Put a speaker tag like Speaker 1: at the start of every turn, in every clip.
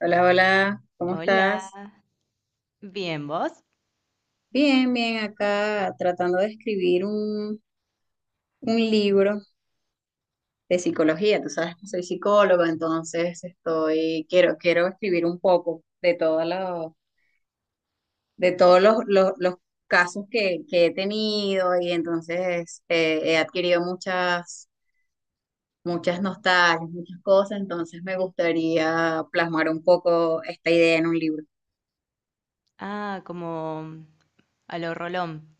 Speaker 1: Hola, hola, ¿cómo estás?
Speaker 2: Hola, bien, ¿vos?
Speaker 1: Bien, bien, acá tratando de escribir un libro de psicología. Tú sabes que soy psicóloga, entonces estoy, quiero escribir un poco de todos los casos que he tenido y entonces he adquirido muchas nostalgias, muchas cosas, entonces me gustaría plasmar un poco esta idea en un libro.
Speaker 2: Ah, como a lo Rolón.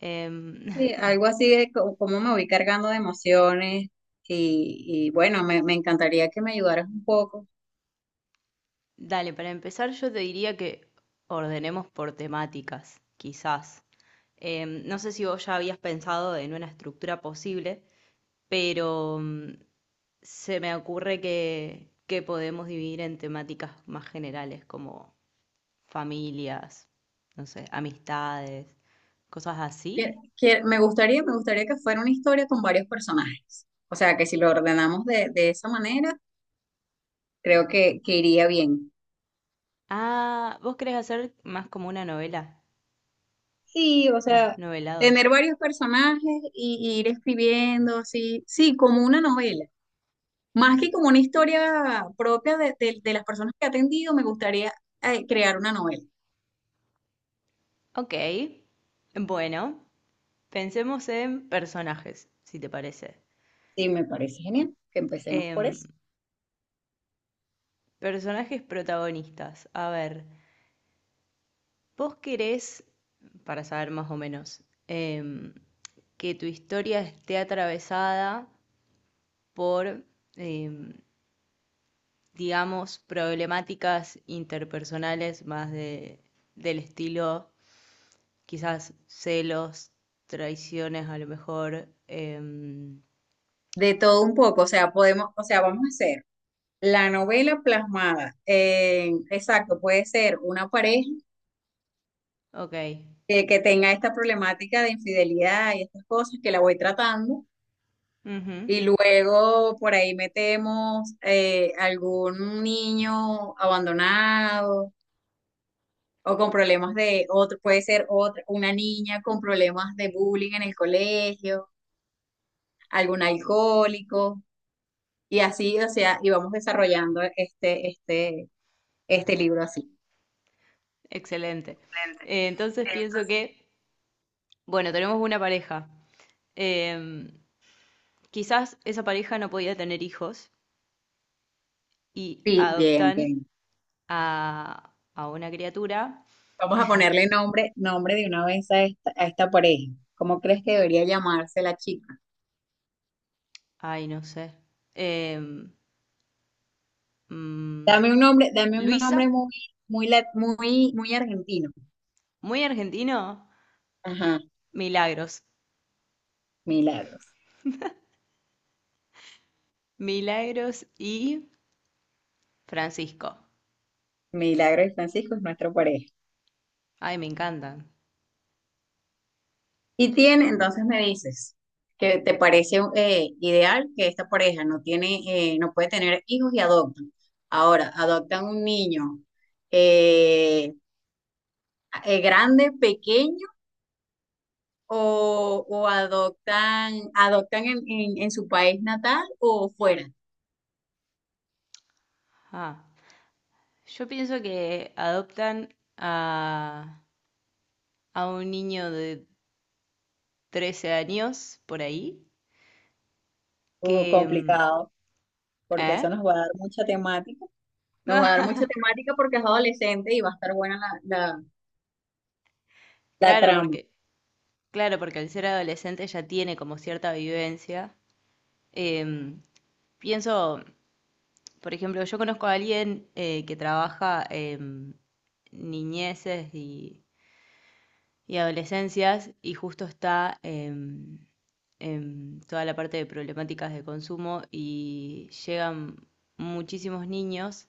Speaker 2: Em,
Speaker 1: Sí, algo así de cómo me voy cargando de emociones y, y bueno, me encantaría que me ayudaras un poco.
Speaker 2: dale, para empezar yo te diría que ordenemos por temáticas, quizás. No sé si vos ya habías pensado en una estructura posible, pero se me ocurre que podemos dividir en temáticas más generales, como familias, no sé, amistades, cosas así.
Speaker 1: Me gustaría, me gustaría que fuera una historia con varios personajes. O sea, que si lo ordenamos de esa manera, creo que iría bien.
Speaker 2: Ah, ¿vos querés hacer más como una novela,
Speaker 1: Sí, o
Speaker 2: más
Speaker 1: sea,
Speaker 2: novelado?
Speaker 1: tener varios personajes y ir escribiendo así, sí, como una novela. Más que como una historia propia de, de las personas que he atendido, me gustaría crear una novela.
Speaker 2: Ok, bueno, pensemos en personajes, si te parece.
Speaker 1: Sí, me parece genial que empecemos por
Speaker 2: Em,
Speaker 1: eso.
Speaker 2: personajes protagonistas. A ver, vos querés, para saber más o menos, em, que tu historia esté atravesada por, em, digamos, problemáticas interpersonales más del estilo, quizás celos, traiciones a lo mejor.
Speaker 1: De todo un poco, o sea, podemos, o sea, vamos a hacer la novela plasmada en, exacto, puede ser una pareja
Speaker 2: Ok.
Speaker 1: que tenga esta problemática de infidelidad y estas cosas que la voy tratando,
Speaker 2: Ujú.
Speaker 1: y luego por ahí metemos algún niño abandonado o con problemas de otro, puede ser otra, una niña con problemas de bullying en el colegio, algún alcohólico, y así, o sea, y vamos desarrollando este libro así.
Speaker 2: Excelente.
Speaker 1: Excelente.
Speaker 2: Entonces pienso
Speaker 1: Entonces,
Speaker 2: que, bueno, tenemos una pareja. Em, quizás esa pareja no podía tener hijos y
Speaker 1: sí, bien,
Speaker 2: adoptan
Speaker 1: bien.
Speaker 2: a una criatura.
Speaker 1: Vamos a ponerle nombre, nombre de una vez a esta pareja. ¿Cómo crees que debería llamarse la chica?
Speaker 2: Ay, no sé. Em, mm,
Speaker 1: Dame un
Speaker 2: Luisa,
Speaker 1: nombre muy argentino.
Speaker 2: muy argentino.
Speaker 1: Ajá,
Speaker 2: Milagros.
Speaker 1: Milagros.
Speaker 2: Milagros y Francisco.
Speaker 1: Milagros y Francisco es nuestra pareja.
Speaker 2: Ay, me encantan.
Speaker 1: Y tiene, entonces me dices, que te parece ideal que esta pareja no tiene, no puede tener hijos y adoptan. Ahora, adoptan un niño eh, grande, pequeño o adoptan, adoptan en su país natal o fuera.
Speaker 2: Ah, yo pienso que adoptan a un niño de 13 años por ahí que...
Speaker 1: Complicado, porque eso
Speaker 2: ¿Eh?
Speaker 1: nos va a dar mucha temática. Nos va a dar mucha temática porque es adolescente y va a estar buena la... la
Speaker 2: Claro,
Speaker 1: trama.
Speaker 2: porque, claro, porque al ser adolescente ya tiene como cierta vivencia. Em, pienso, por ejemplo, yo conozco a alguien que trabaja en niñeces y adolescencias y justo está en toda la parte de problemáticas de consumo y llegan muchísimos niños.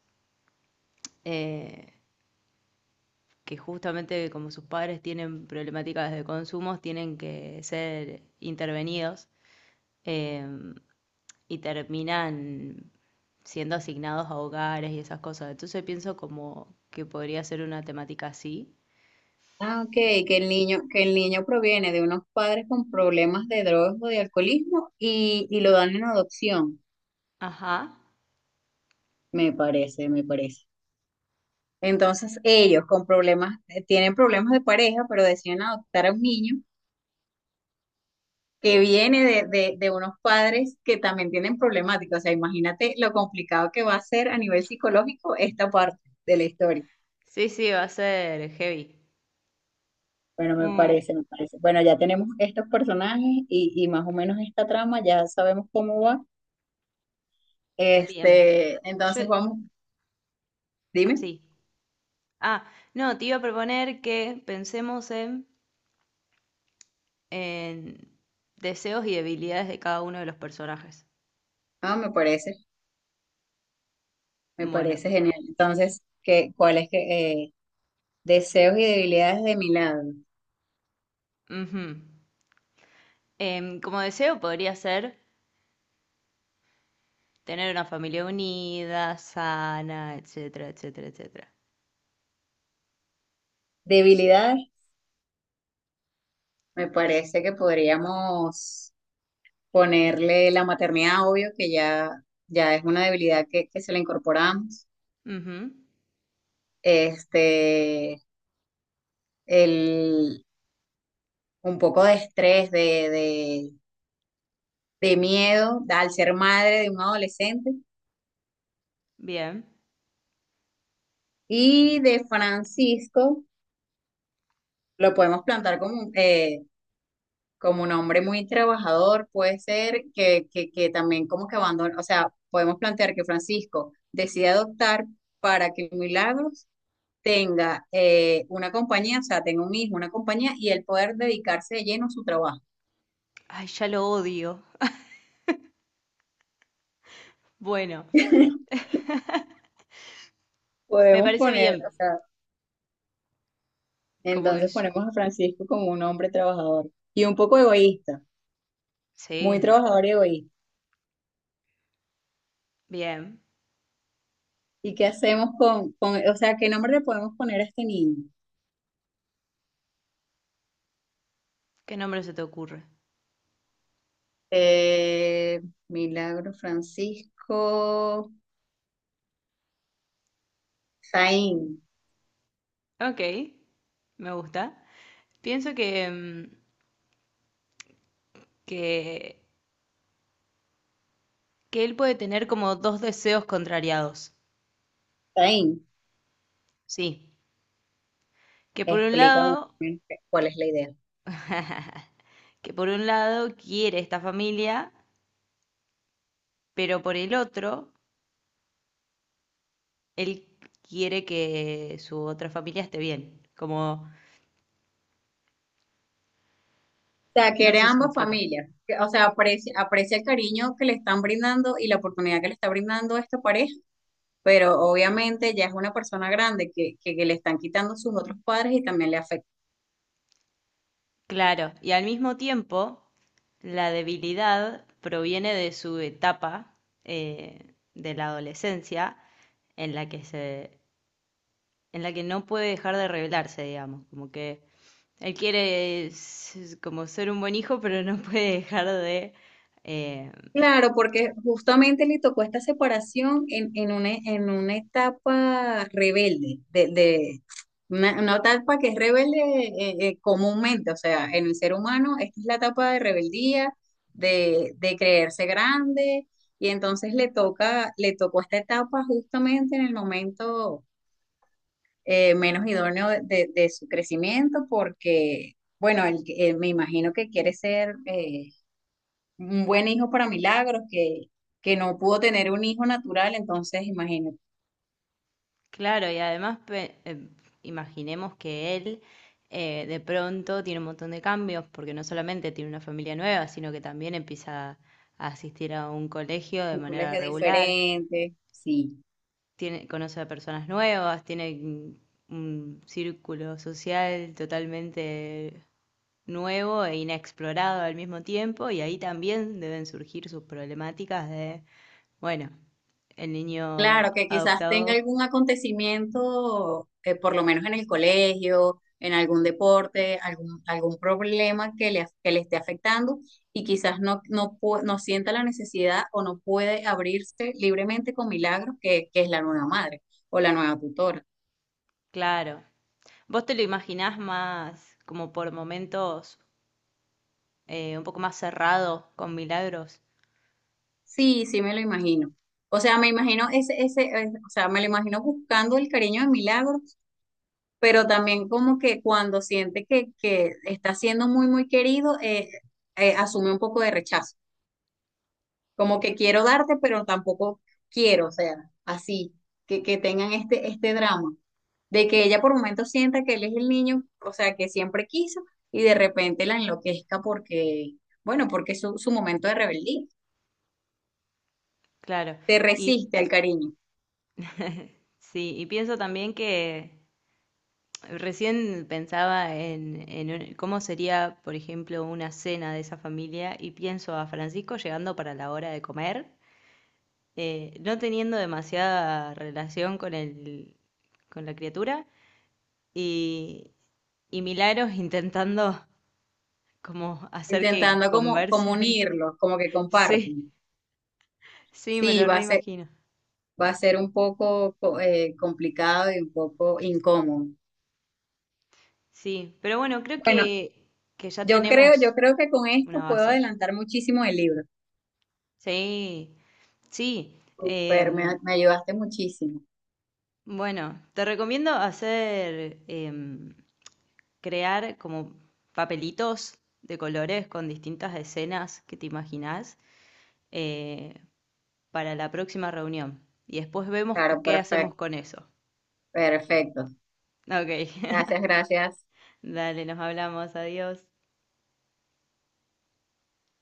Speaker 2: eh, que justamente como sus padres tienen problemáticas de consumos, tienen que ser intervenidos eh, y terminan siendo asignados a hogares y esas cosas. Entonces pienso como que podría ser una temática así.
Speaker 1: Ah, ok, que el niño proviene de unos padres con problemas de drogas o de alcoholismo y lo dan en adopción.
Speaker 2: Ajá.
Speaker 1: Me parece, me parece. Entonces ellos con problemas, tienen problemas de pareja, pero deciden adoptar a un niño que viene de unos padres que también tienen problemáticas. O sea, imagínate lo complicado que va a ser a nivel psicológico esta parte de la historia.
Speaker 2: Sí, sí, va a ser heavy.
Speaker 1: Bueno, me
Speaker 2: Mm,
Speaker 1: parece, me parece. Bueno, ya tenemos estos personajes y más o menos esta trama, ya sabemos cómo va.
Speaker 2: bien.
Speaker 1: Este,
Speaker 2: Yo,
Speaker 1: entonces vamos, dime.
Speaker 2: sí. Ah, no, te iba a proponer que pensemos en deseos y debilidades de cada uno de los personajes.
Speaker 1: Ah, me
Speaker 2: Bueno.
Speaker 1: parece genial. Entonces, ¿qué, cuáles que deseos y debilidades de mi lado?
Speaker 2: Ujú. Como deseo podría ser tener una familia unida, sana, etcétera, etcétera, etcétera.
Speaker 1: Debilidades, me
Speaker 2: Es-
Speaker 1: parece que podríamos ponerle la maternidad, obvio, ya es una debilidad que se le incorporamos.
Speaker 2: Ujú,
Speaker 1: Este, el, un poco de estrés, de miedo al ser madre de un adolescente.
Speaker 2: bien.
Speaker 1: Y de Francisco lo podemos plantar como, como un hombre muy trabajador, puede ser que también como que abandona, o sea, podemos plantear que Francisco decide adoptar para que Milagros tenga una compañía, o sea, tenga un hijo, una compañía y él poder dedicarse de lleno a su trabajo.
Speaker 2: Ay, ya lo odio. Bueno, me
Speaker 1: Podemos
Speaker 2: parece
Speaker 1: poner,
Speaker 2: bien.
Speaker 1: o sea,
Speaker 2: Como que
Speaker 1: entonces
Speaker 2: es-
Speaker 1: ponemos a Francisco como un hombre trabajador y un poco egoísta, muy
Speaker 2: Sí,
Speaker 1: trabajador y egoísta.
Speaker 2: bien.
Speaker 1: ¿Y qué hacemos o sea, qué nombre le podemos poner a este niño?
Speaker 2: ¿Qué nombre se te ocurre?
Speaker 1: Eh, Milagro Francisco Zain.
Speaker 2: Ok, me gusta. Pienso que, que él puede tener como dos deseos contrariados.
Speaker 1: Zain,
Speaker 2: Sí. Que por un lado,
Speaker 1: explícame cuál es la idea.
Speaker 2: que por un lado quiere esta familia, pero por el otro él quiere que su otra familia esté bien. Como,
Speaker 1: Sea,
Speaker 2: no
Speaker 1: quiere
Speaker 2: sé
Speaker 1: a
Speaker 2: si me
Speaker 1: ambas
Speaker 2: explico.
Speaker 1: familias. Que- O sea, aprecia, aprecia el cariño que le están brindando y la oportunidad que le está brindando esta pareja, pero obviamente ya es una persona grande que le están quitando sus otros padres y también le afecta.
Speaker 2: Claro. Y al mismo tiempo, la debilidad proviene de su etapa de la adolescencia en la que se, en la que no puede dejar de rebelarse, digamos. Como que él quiere s- como ser un buen hijo, pero no puede dejar de eh,
Speaker 1: Claro, porque justamente le tocó esta separación en una etapa rebelde, de, una etapa que es rebelde comúnmente, o sea, en el ser humano, esta es la etapa de rebeldía, de creerse grande, y entonces le tocó esta etapa justamente en el momento menos idóneo de, de su crecimiento, porque, bueno, él, me imagino que quiere ser... un buen hijo para Milagros, que no pudo tener un hijo natural, entonces imagínate,
Speaker 2: claro, y además pe- imaginemos que él de pronto tiene un montón de cambios, porque no solamente tiene una familia nueva, sino que también empieza a asistir a un colegio de
Speaker 1: un
Speaker 2: manera
Speaker 1: colegio
Speaker 2: regular,
Speaker 1: diferente, sí.
Speaker 2: conoce a personas nuevas, tiene un círculo social totalmente nuevo e inexplorado al mismo tiempo, y ahí también deben surgir sus problemáticas de, bueno, el niño
Speaker 1: Claro, que quizás tenga
Speaker 2: adoptado,
Speaker 1: algún acontecimiento, por lo menos en el colegio, en algún deporte, algún problema que le, que le esté afectando y quizás no sienta la necesidad o no puede abrirse libremente con Milagros, que es la nueva madre o la nueva tutora.
Speaker 2: claro. ¿Vos te lo imaginás más, como por momentos, un poco más cerrado con Milagros?
Speaker 1: Sí, sí me lo imagino. O sea, me imagino ese, ese, o sea, me lo imagino buscando el cariño de Milagro, pero también como que cuando siente que está siendo muy querido, asume un poco de rechazo. Como que quiero darte, pero tampoco quiero, o sea, así, que tengan este drama, de que ella por momentos sienta que él es el niño, o sea, que siempre quiso, y de repente la enloquezca porque, bueno, porque es su, su momento de rebeldía,
Speaker 2: Claro.
Speaker 1: se
Speaker 2: Y
Speaker 1: resiste al cariño.
Speaker 2: sí, y pienso también que recién pensaba en un- cómo sería, por ejemplo, una cena de esa familia y pienso a Francisco llegando para la hora de comer, no teniendo demasiada relación con el, con la criatura y, y Milagros intentando como hacer que
Speaker 1: Intentando como, como
Speaker 2: conversen.
Speaker 1: unirlos, como que
Speaker 2: Sí.
Speaker 1: compartan.
Speaker 2: Sí,
Speaker 1: Sí,
Speaker 2: me lo reimagino.
Speaker 1: va a ser un poco complicado y un poco incómodo.
Speaker 2: Sí, pero bueno, creo
Speaker 1: Bueno,
Speaker 2: que ya
Speaker 1: yo
Speaker 2: tenemos
Speaker 1: creo que con esto
Speaker 2: una
Speaker 1: puedo
Speaker 2: base.
Speaker 1: adelantar muchísimo el libro.
Speaker 2: Sí, sí.
Speaker 1: Super, me,
Speaker 2: em,
Speaker 1: me ayudaste muchísimo.
Speaker 2: bueno, te recomiendo hacer, crear como papelitos de colores con distintas escenas que te imaginás eh, para la próxima reunión. Y después vemos co-
Speaker 1: Claro,
Speaker 2: qué hacemos
Speaker 1: perfecto,
Speaker 2: con eso.
Speaker 1: perfecto.
Speaker 2: Ok,
Speaker 1: Gracias, gracias.
Speaker 2: dale, nos hablamos, adiós.